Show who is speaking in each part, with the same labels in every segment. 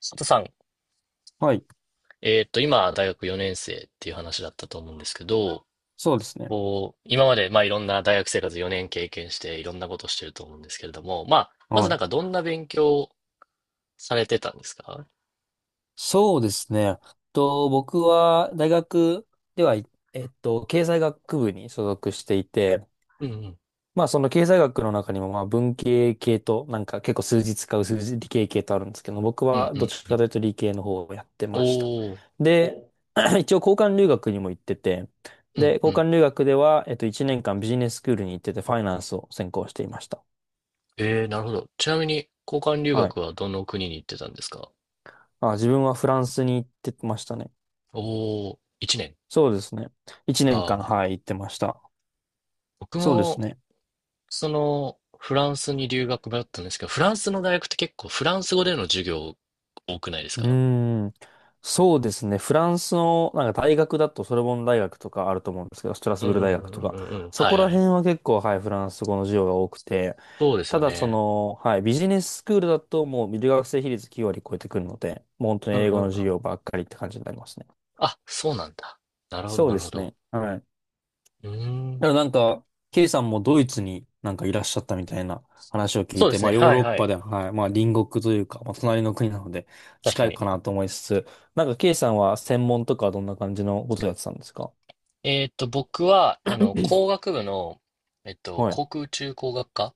Speaker 1: 佐藤さん、
Speaker 2: はい。
Speaker 1: 今、大学4年生っていう話だったと思うんですけど、
Speaker 2: そうですね。
Speaker 1: こう、今まで、まあ、いろんな大学生活4年経験して、いろんなことしてると思うんですけれども、まあ、まず
Speaker 2: は
Speaker 1: なん
Speaker 2: い。
Speaker 1: か、どんな勉強をされてたんですか？
Speaker 2: そうですね。僕は大学では、いえっと、経済学部に所属していて、
Speaker 1: うんうん。
Speaker 2: まあその経済学の中にもまあ文系系となんか結構数字使う数字理系系とあるんですけど、僕
Speaker 1: うん
Speaker 2: は
Speaker 1: う
Speaker 2: どっ
Speaker 1: ん
Speaker 2: ち
Speaker 1: う
Speaker 2: か
Speaker 1: ん。
Speaker 2: というと理系の方をやってました。
Speaker 1: おー。
Speaker 2: で、一応交換留学にも行ってて、
Speaker 1: う
Speaker 2: で、
Speaker 1: んう
Speaker 2: 交
Speaker 1: ん。
Speaker 2: 換留学では、1年間ビジネススクールに行っててファイナンスを専攻していました。
Speaker 1: えー、なるほど。ちなみに、交換留
Speaker 2: はい。
Speaker 1: 学はどの国に行ってたんですか？
Speaker 2: あ、自分はフランスに行ってましたね。
Speaker 1: おー、1年。
Speaker 2: そうですね。一
Speaker 1: あ
Speaker 2: 年間、
Speaker 1: あ。
Speaker 2: はい、行ってました。
Speaker 1: 僕
Speaker 2: そうです
Speaker 1: も、
Speaker 2: ね。
Speaker 1: その、フランスに留学だったんですけど、フランスの大学って結構、フランス語での授業多くないです
Speaker 2: う
Speaker 1: か？
Speaker 2: ーん。そうですね。フランスの、なんか大学だと、ソルボン大学とかあると思うんですけど、ストラス
Speaker 1: うん
Speaker 2: ブール
Speaker 1: う
Speaker 2: 大学
Speaker 1: んうんう
Speaker 2: と
Speaker 1: んう
Speaker 2: か、
Speaker 1: んうん。
Speaker 2: そ
Speaker 1: は
Speaker 2: こ
Speaker 1: い
Speaker 2: ら
Speaker 1: はい。
Speaker 2: 辺は結構、はい、フランス語の授業が多くて、
Speaker 1: そうです
Speaker 2: た
Speaker 1: よ
Speaker 2: だそ
Speaker 1: ね。
Speaker 2: の、はい、ビジネススクールだともう留学生比率9割超えてくるので、もう本当に
Speaker 1: うん
Speaker 2: 英
Speaker 1: う
Speaker 2: 語
Speaker 1: ん
Speaker 2: の
Speaker 1: う
Speaker 2: 授
Speaker 1: ん。
Speaker 2: 業ばっかりって感じになりますね。
Speaker 1: あ、そうなんだ。なるほど、
Speaker 2: そう
Speaker 1: な
Speaker 2: で
Speaker 1: るほ
Speaker 2: す
Speaker 1: ど。
Speaker 2: ね。はい。
Speaker 1: うーん。
Speaker 2: だからなんか、ケイさんもドイツになんかいらっしゃったみたいな話を聞
Speaker 1: そ
Speaker 2: い
Speaker 1: うで
Speaker 2: て、
Speaker 1: す
Speaker 2: ま
Speaker 1: ね。
Speaker 2: あヨー
Speaker 1: はい
Speaker 2: ロッ
Speaker 1: は
Speaker 2: パ
Speaker 1: い。
Speaker 2: で、はい、まあ隣国というか、まあ隣の国なので
Speaker 1: 確
Speaker 2: 近
Speaker 1: か
Speaker 2: い
Speaker 1: に。
Speaker 2: かなと思いつつ、なんかケイさんは専門とかはどんな感じのことをやってたんですか？
Speaker 1: 僕は、工学部の、
Speaker 2: はい。
Speaker 1: 航空宇宙工学科っ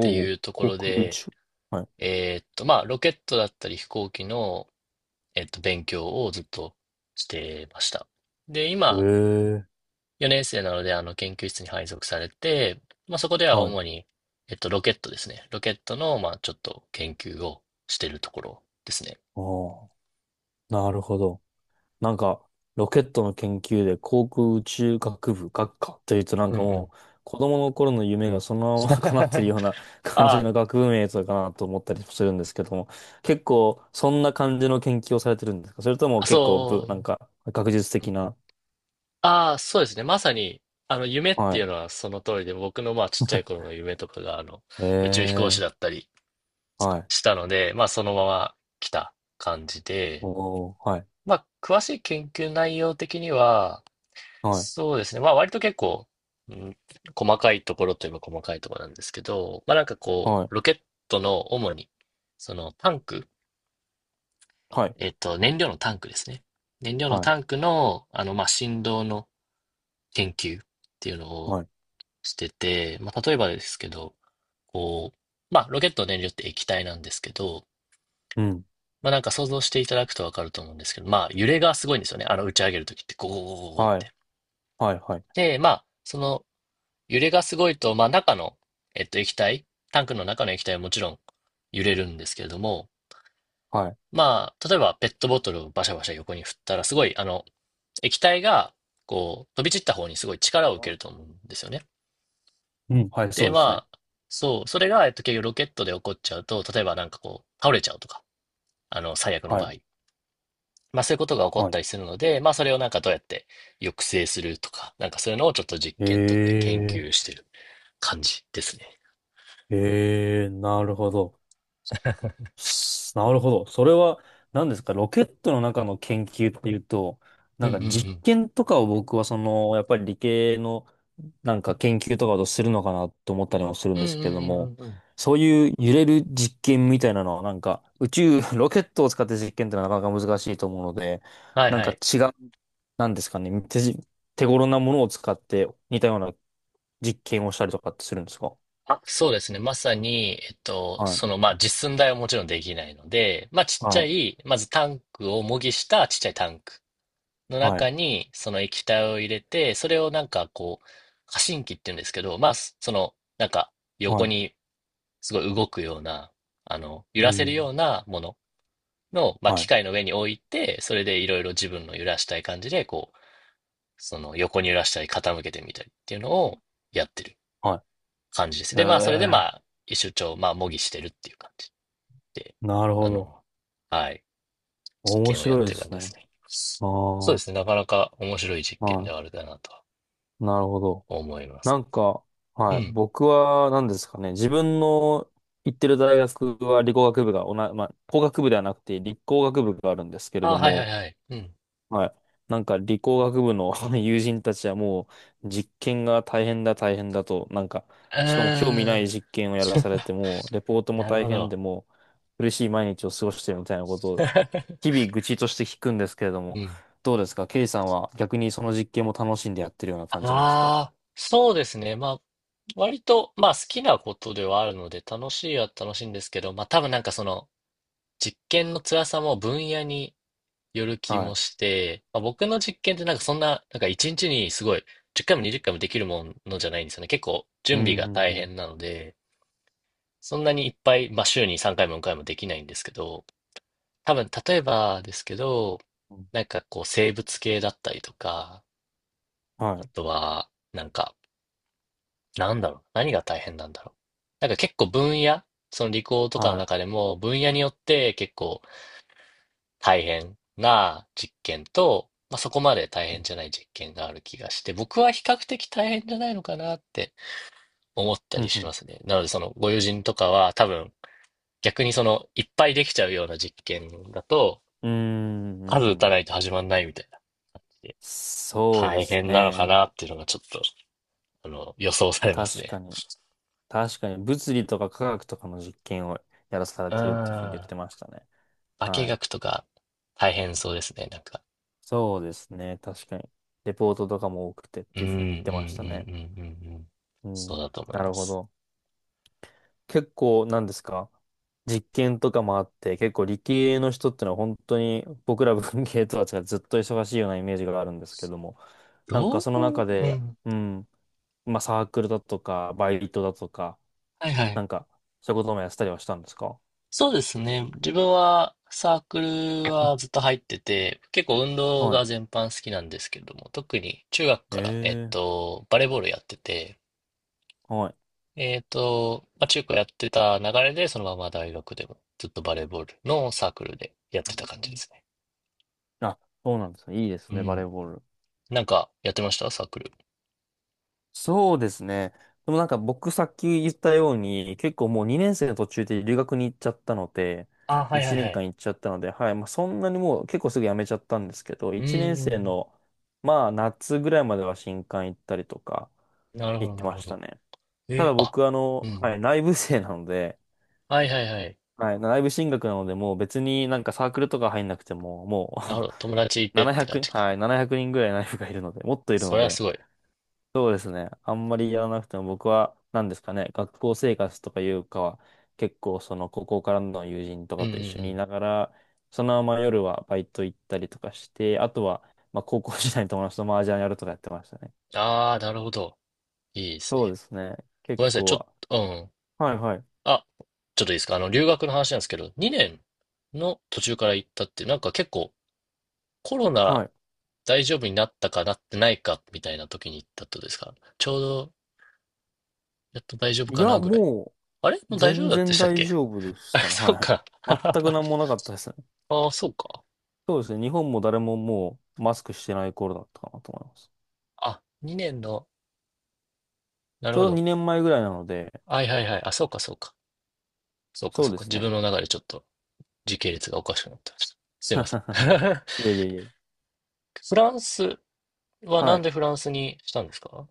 Speaker 1: てい
Speaker 2: お、
Speaker 1: うとこ
Speaker 2: 航
Speaker 1: ろ
Speaker 2: 空宇
Speaker 1: で、
Speaker 2: 宙。はい。
Speaker 1: まあ、ロケットだったり飛行機の、勉強をずっとしてました。で、
Speaker 2: え
Speaker 1: 今、
Speaker 2: え。
Speaker 1: 4年生なので、研究室に配属されて、まあ、そこでは
Speaker 2: はい。
Speaker 1: 主に、ロケットですね。ロケットの、まあ、ちょっと研究をしてるところですね。
Speaker 2: おお、なるほど。なんか、ロケットの研究で航空宇宙学部学科というとなん
Speaker 1: うん
Speaker 2: か
Speaker 1: う
Speaker 2: も
Speaker 1: ん。
Speaker 2: う、子供の頃の夢がそのまま 叶っ てるような感じ
Speaker 1: あ
Speaker 2: の学部名とかなと思ったりするんですけども、結構そんな感じの研究をされてるんですか？それとも
Speaker 1: あ、
Speaker 2: 結構なん
Speaker 1: そ
Speaker 2: か学術
Speaker 1: う。う
Speaker 2: 的
Speaker 1: ん。
Speaker 2: な。
Speaker 1: ああ、そうですね。まさに、夢っ
Speaker 2: は
Speaker 1: ていう
Speaker 2: い。
Speaker 1: のはその通りで、僕の、まあ、ちっちゃい頃の夢とかが、宇宙飛行士
Speaker 2: ええ、
Speaker 1: だったり
Speaker 2: はい。
Speaker 1: したので、まあ、そのまま来た感じで、
Speaker 2: おー、はい。
Speaker 1: まあ、詳しい研究内容的には、
Speaker 2: はい。
Speaker 1: そうですね。まあ割と結構、うん、細かいところといえば細かいところなんですけど、まあなんかこ
Speaker 2: はい。
Speaker 1: う、ロケットの主に、そのタンク、
Speaker 2: はい。
Speaker 1: 燃料のタンクですね。燃料の
Speaker 2: は
Speaker 1: タ
Speaker 2: い。
Speaker 1: ンクの、まあ振動の研究っていうのを
Speaker 2: はい。
Speaker 1: してて、まあ例えばですけど、こう、まあロケットの燃料って液体なんですけど、
Speaker 2: うん。
Speaker 1: まあなんか想像していただくとわかると思うんですけど、まあ揺れがすごいんですよね。あの打ち上げるときってゴーゴーゴーゴーっ
Speaker 2: はい。
Speaker 1: て。
Speaker 2: はい。はい。
Speaker 1: で、まあ、その揺れがすごいと、まあ、中の、液体、タンクの中の液体はもちろん揺れるんですけれども、
Speaker 2: はい。
Speaker 1: まあ、例えばペットボトルをバシャバシャ横に振ったら、すごい、液体が、こう、飛び散った方にすごい力を受けると思うんですよね。
Speaker 2: うん。はい。そ
Speaker 1: で、
Speaker 2: うですね。
Speaker 1: まあ、そう、それが、結局ロケットで起こっちゃうと、例えばなんかこう、倒れちゃうとか、最悪の
Speaker 2: は
Speaker 1: 場合。
Speaker 2: い。
Speaker 1: まあ、そういうことが起こっ
Speaker 2: は
Speaker 1: た
Speaker 2: い。
Speaker 1: りするので、まあ、それをなんかどうやって抑制するとか、なんかそういうのをちょっと実験とかで研
Speaker 2: え
Speaker 1: 究
Speaker 2: え、
Speaker 1: してる感じですね。
Speaker 2: ええ、なるほど。なるほど。それは、何ですか、ロケットの中の研究っていうと、
Speaker 1: う
Speaker 2: な
Speaker 1: んう
Speaker 2: ん
Speaker 1: ん
Speaker 2: か
Speaker 1: う
Speaker 2: 実
Speaker 1: ん。
Speaker 2: 験とかを僕はその、やっぱり理系のなんか研究とかをするのかなと思ったりもするん
Speaker 1: うん
Speaker 2: ですけれど
Speaker 1: うんう
Speaker 2: も、
Speaker 1: んうんうん。
Speaker 2: そういう揺れる実験みたいなのはなんか宇宙、ロケットを使って実験ってのはなかなか難しいと思うので、
Speaker 1: はい
Speaker 2: なん
Speaker 1: は
Speaker 2: か
Speaker 1: い。
Speaker 2: 違う、なんですかね、手頃なものを使って似たような実験をしたりとかってするんですか？
Speaker 1: あ、そうですね。まさに、
Speaker 2: は
Speaker 1: その、
Speaker 2: い。
Speaker 1: まあ、実寸大はもちろんできないので、まあ、ちっち
Speaker 2: は
Speaker 1: ゃ
Speaker 2: い。
Speaker 1: い、まずタンクを模擬したちっちゃいタンクの
Speaker 2: はい。
Speaker 1: 中に、その液体を入れて、それをなんかこう、過信機って言うんですけど、まあ、その、なんか、
Speaker 2: は
Speaker 1: 横
Speaker 2: い。
Speaker 1: にすごい動くような、
Speaker 2: う
Speaker 1: 揺らせる
Speaker 2: ん、
Speaker 1: ようなものの、まあ、
Speaker 2: は
Speaker 1: 機
Speaker 2: い。
Speaker 1: 械の上に置いて、それでいろいろ自分の揺らしたい感じで、こう、その横に揺らしたり傾けてみたりっていうのをやってる
Speaker 2: は
Speaker 1: 感じです。
Speaker 2: い。え
Speaker 1: で、まあ、それでま
Speaker 2: え、
Speaker 1: あ、一周帳、まあ、模擬してるっていう感じで、
Speaker 2: なるほ
Speaker 1: あ
Speaker 2: ど。
Speaker 1: の、はい、実
Speaker 2: 面
Speaker 1: 験をやっ
Speaker 2: 白いで
Speaker 1: てる感
Speaker 2: す
Speaker 1: じで
Speaker 2: ね。
Speaker 1: すね。
Speaker 2: あ
Speaker 1: そうで
Speaker 2: あ、
Speaker 1: すね、なかなか面白い実験で
Speaker 2: は
Speaker 1: はあるかなとは
Speaker 2: い。なるほど。
Speaker 1: 思います。
Speaker 2: なんか、
Speaker 1: う
Speaker 2: はい。
Speaker 1: ん。
Speaker 2: 僕は何ですかね。自分の行ってる大学は理工学部がまあ、工学部ではなくて理工学部があるんですけれ
Speaker 1: あ、
Speaker 2: ど
Speaker 1: はいはい
Speaker 2: も、
Speaker 1: はい。うん。
Speaker 2: はい。なんか理工学部の 友人たちはもう実験が大変だ大変だと、なんか、
Speaker 1: う
Speaker 2: しかも興味な
Speaker 1: ーん。
Speaker 2: い実験をやらされても、レポー トも
Speaker 1: なる
Speaker 2: 大
Speaker 1: ほ
Speaker 2: 変
Speaker 1: ど。
Speaker 2: でもう苦しい毎日を過ごしてるみたいなことを 日々愚痴として聞くんですけれど
Speaker 1: う
Speaker 2: も、
Speaker 1: ん。
Speaker 2: どうですか？ケイさんは逆にその実験も楽しんでやってるような感じなんですか？
Speaker 1: ああ、そうですね。まあ、割と、まあ、好きなことではあるので、楽しいは楽しいんですけど、まあ、多分なんかその、実験の辛さも分野による気
Speaker 2: は
Speaker 1: も
Speaker 2: い。
Speaker 1: して、まあ、僕の実験ってなんかそんな、なんか一日にちにすごい10回も20回もできるものじゃないんですよね。結構
Speaker 2: う
Speaker 1: 準
Speaker 2: ん、
Speaker 1: 備が
Speaker 2: うん、
Speaker 1: 大
Speaker 2: うん。
Speaker 1: 変なので、そんなにいっぱい、まあ、週に3回も4回もできないんですけど、多分例えばですけど、
Speaker 2: うん、
Speaker 1: なんかこう生物系だったりとか、
Speaker 2: は
Speaker 1: あ
Speaker 2: い、
Speaker 1: とはなんか、なんだろう、何が大変なんだろう。なんか結構分野、その理工とかの
Speaker 2: は
Speaker 1: 中でも分野によって結構大変な実験と、まあ、そこまで大変じゃない実験がある気がして、僕は比較的大変じゃないのかなって思った
Speaker 2: い。う
Speaker 1: り
Speaker 2: ん、う
Speaker 1: し
Speaker 2: ん。
Speaker 1: ますね。なので、そのご友人とかは多分逆にそのいっぱいできちゃうような実験だと、
Speaker 2: うーん、う
Speaker 1: 数
Speaker 2: ん、う
Speaker 1: 打た
Speaker 2: ん。
Speaker 1: ないと始まんないみたいな感じで、
Speaker 2: そうで
Speaker 1: 大
Speaker 2: す
Speaker 1: 変なのか
Speaker 2: ね。
Speaker 1: なっていうのがちょっと、予想されます
Speaker 2: 確
Speaker 1: ね。
Speaker 2: かに。確かに、物理とか科学とかの実験をやらされ
Speaker 1: う
Speaker 2: てるっていうふうに言っ
Speaker 1: ん。
Speaker 2: てましたね。
Speaker 1: 化
Speaker 2: はい。
Speaker 1: 学とか大変そうですね、なんか。
Speaker 2: そうですね。確かに。レポートとかも多くてっ
Speaker 1: うん、
Speaker 2: て
Speaker 1: う
Speaker 2: い
Speaker 1: ん、
Speaker 2: う
Speaker 1: うん、う
Speaker 2: ふうに言ってましたね。
Speaker 1: ん、うん、うん。
Speaker 2: う
Speaker 1: そう
Speaker 2: ん。
Speaker 1: だと思い
Speaker 2: な
Speaker 1: ま
Speaker 2: るほ
Speaker 1: す。
Speaker 2: ど。結構、なんですか、実験とかもあって、結構理系の人ってのは本当に僕ら文系とは違ってずっと忙しいようなイメージがあるんですけども、なん
Speaker 1: ど
Speaker 2: か
Speaker 1: う
Speaker 2: その中
Speaker 1: う
Speaker 2: で、
Speaker 1: ん。
Speaker 2: うん、まあサークルだとか、バイトだとか、
Speaker 1: はいは
Speaker 2: な
Speaker 1: い。
Speaker 2: んかそういうこともやってたりはしたんですか？
Speaker 1: そうですね。自分はサークルはずっと入ってて、結構運動
Speaker 2: は
Speaker 1: が
Speaker 2: い。
Speaker 1: 全般好きなんですけれども、特に中学から、
Speaker 2: ええ、
Speaker 1: バレーボールやってて、
Speaker 2: はい。
Speaker 1: まあ、中高やってた流れで、そのまま大学でもずっとバレーボールのサークルでやっ
Speaker 2: う
Speaker 1: てた感じで
Speaker 2: ん、
Speaker 1: すね。
Speaker 2: あ、そうなんですね。いいで
Speaker 1: う
Speaker 2: すね、バレ
Speaker 1: ん。
Speaker 2: ーボール。
Speaker 1: なんかやってましたサークル。
Speaker 2: そうですね。でもなんか僕さっき言ったように、結構もう2年生の途中で留学に行っちゃったので、
Speaker 1: あ、はいは
Speaker 2: 1
Speaker 1: いは
Speaker 2: 年
Speaker 1: い。
Speaker 2: 間行っちゃったので、はい、まあそんなにもう結構すぐ辞めちゃったんですけど、
Speaker 1: うん
Speaker 2: 1年
Speaker 1: うんう
Speaker 2: 生
Speaker 1: ん。
Speaker 2: のまあ夏ぐらいまでは新歓行ったりとか
Speaker 1: なるほ
Speaker 2: 行っ
Speaker 1: ど
Speaker 2: て
Speaker 1: なる
Speaker 2: ま
Speaker 1: ほ
Speaker 2: した
Speaker 1: ど。
Speaker 2: ね。た
Speaker 1: えー、
Speaker 2: だ
Speaker 1: あ、
Speaker 2: 僕あ
Speaker 1: う
Speaker 2: の、は
Speaker 1: ん。
Speaker 2: い、内部生なので、
Speaker 1: はいはいはい。
Speaker 2: はい、内部進学なので、もう別になんかサークルとか入んなくても、も
Speaker 1: なるほ
Speaker 2: う
Speaker 1: ど。友達い てって感
Speaker 2: 700、
Speaker 1: じか。
Speaker 2: はい、700人ぐらい内部がいるので、もっといる
Speaker 1: そ
Speaker 2: の
Speaker 1: れは
Speaker 2: で、
Speaker 1: すごい。
Speaker 2: そうですね。あんまりやらなくても僕は何ですかね、学校生活とかいうかは、結構その高校からの友人と
Speaker 1: うん
Speaker 2: か
Speaker 1: うん
Speaker 2: と
Speaker 1: う
Speaker 2: 一緒にい
Speaker 1: ん。
Speaker 2: ながら、そのまま夜はバイト行ったりとかして、あとはまあ高校時代の友達と麻雀やるとかやってましたね。
Speaker 1: ああ、なるほど。いいです
Speaker 2: そう
Speaker 1: ね。
Speaker 2: ですね。
Speaker 1: ご
Speaker 2: 結
Speaker 1: めんなさい。
Speaker 2: 構
Speaker 1: ちょっ
Speaker 2: は。
Speaker 1: と、うん。
Speaker 2: はいはい。
Speaker 1: あ、ちょっといいですか？留学の話なんですけど、2年の途中から行ったって、なんか結構コロナ
Speaker 2: はい。
Speaker 1: 大丈夫になったかなってないかみたいな時に行ったってことですか？ちょうど、やっと大丈夫
Speaker 2: い
Speaker 1: かな
Speaker 2: や、
Speaker 1: ぐらい。
Speaker 2: も
Speaker 1: あれ
Speaker 2: う
Speaker 1: もう大丈夫
Speaker 2: 全
Speaker 1: だって
Speaker 2: 然
Speaker 1: したっ
Speaker 2: 大
Speaker 1: け？
Speaker 2: 丈夫で し
Speaker 1: あ、
Speaker 2: たね。
Speaker 1: そ
Speaker 2: はい
Speaker 1: うか。
Speaker 2: はい。全く
Speaker 1: あ
Speaker 2: 何もなかったですね。
Speaker 1: あ、そうか。
Speaker 2: そうですね。日本も誰ももうマスクしてない頃だったかなと思います。
Speaker 1: あ、2年の、な
Speaker 2: ち
Speaker 1: るほ
Speaker 2: ょうど
Speaker 1: ど。
Speaker 2: 2年前ぐらいなので、
Speaker 1: はいはいはい。あ、そうかそうか。そうか
Speaker 2: そう
Speaker 1: そう
Speaker 2: で
Speaker 1: か。
Speaker 2: す
Speaker 1: 自
Speaker 2: ね。
Speaker 1: 分の中でちょっと時系列がおかしくなってました。すいません。
Speaker 2: いやいやいや。
Speaker 1: フランス、は
Speaker 2: は
Speaker 1: なん
Speaker 2: い。
Speaker 1: でフランスにしたんですか？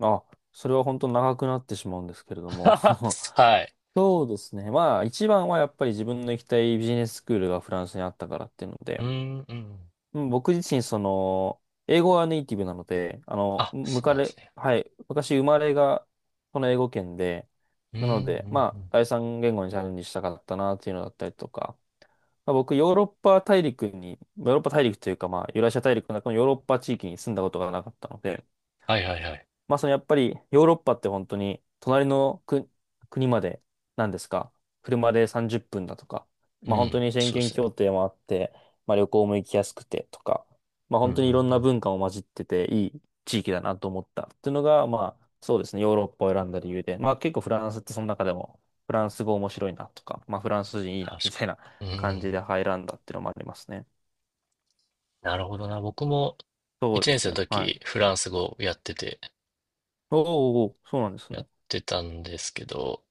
Speaker 2: あ、それは本当長くなってしまうんですけれども。
Speaker 1: はい。
Speaker 2: そうですね。まあ、一番はやっぱり自分の行きたいビジネススクールがフランスにあったからっていうの
Speaker 1: う
Speaker 2: で、
Speaker 1: ん、うん。
Speaker 2: うん、僕自身、その、英語はネイティブなので、あの、
Speaker 1: あ、
Speaker 2: む
Speaker 1: そう
Speaker 2: か
Speaker 1: なんです
Speaker 2: れ、
Speaker 1: ね。
Speaker 2: はい、昔生まれがこの英語圏で、
Speaker 1: うん、う
Speaker 2: なので、
Speaker 1: ん、
Speaker 2: ま
Speaker 1: う
Speaker 2: あ、
Speaker 1: ん。
Speaker 2: 第三言語にチャレンジしたかったなっていうのだったりとか、まあ、僕、ヨーロッパ大陸に、ヨーロッパ大陸というか、まあ、ユーラシア大陸の中のヨーロッパ地域に住んだことがなかったので、
Speaker 1: はいはいはい。
Speaker 2: まあ、そのやっぱりヨーロッパって本当に隣の国、国まで何ですか、車で30分だとか、
Speaker 1: う
Speaker 2: まあ、本当
Speaker 1: ん、
Speaker 2: に宣
Speaker 1: そうで
Speaker 2: 言
Speaker 1: すね。
Speaker 2: 協定もあって、まあ、旅行も行きやすくてとか、まあ、
Speaker 1: うん、う
Speaker 2: 本
Speaker 1: ん、
Speaker 2: 当に
Speaker 1: う
Speaker 2: いろんな
Speaker 1: ん。
Speaker 2: 文化も混じってていい地域だなと思ったっていうのが、まあ、そうですね、ヨーロッパを選んだ理由で、まあ、結構フランスってその中でもフランス語面白いなとか、まあ、フランス人いいなみ
Speaker 1: 確
Speaker 2: た
Speaker 1: か
Speaker 2: いな
Speaker 1: に。う
Speaker 2: 感じ
Speaker 1: ん。
Speaker 2: で入らんだっていうのもありますね。
Speaker 1: なるほどな。僕も
Speaker 2: そうで
Speaker 1: 1
Speaker 2: す
Speaker 1: 年生
Speaker 2: ね。
Speaker 1: の
Speaker 2: は
Speaker 1: 時、
Speaker 2: い。
Speaker 1: フランス語
Speaker 2: おーおー、おー、そうなんです
Speaker 1: やっ
Speaker 2: ね。
Speaker 1: てたんですけど、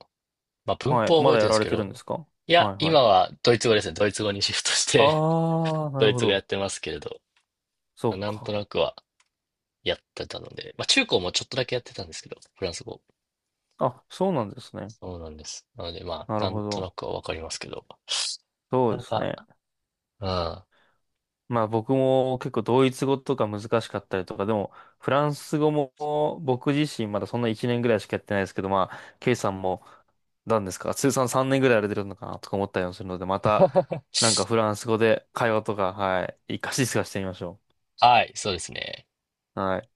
Speaker 1: まあ文
Speaker 2: はい。
Speaker 1: 法は
Speaker 2: ま
Speaker 1: 覚え
Speaker 2: だ
Speaker 1: て
Speaker 2: や
Speaker 1: るんです
Speaker 2: られ
Speaker 1: け
Speaker 2: てるんで
Speaker 1: ど、
Speaker 2: すか？
Speaker 1: いや、
Speaker 2: はいは
Speaker 1: 今
Speaker 2: い。
Speaker 1: はドイツ語ですね。ドイツ語にシフトして
Speaker 2: ああ、な
Speaker 1: ド
Speaker 2: る
Speaker 1: イ
Speaker 2: ほ
Speaker 1: ツ語やっ
Speaker 2: ど。
Speaker 1: てますけれど、
Speaker 2: そ
Speaker 1: まあ
Speaker 2: う
Speaker 1: なんと
Speaker 2: か。
Speaker 1: なくはやってたので、まあ中高もちょっとだけやってたんですけど、フランス語。
Speaker 2: あ、そうなんですね。
Speaker 1: そうなんです。なので、まあ、
Speaker 2: なる
Speaker 1: なん
Speaker 2: ほ
Speaker 1: とな
Speaker 2: ど。
Speaker 1: くはわかりますけど、
Speaker 2: そうで
Speaker 1: な
Speaker 2: す
Speaker 1: か
Speaker 2: ね。
Speaker 1: なか、うん。
Speaker 2: まあ僕も結構ドイツ語とか難しかったりとか、でもフランス語も僕自身まだそんな1年ぐらいしかやってないですけど、まあ、ケイさんも何ですか、通算3年ぐらいやられてるのかなとか思ったりもするので、また なんかフランス語で会話とか、はい、活かし活かしてみましょ
Speaker 1: はい、そうですね。
Speaker 2: う。はい。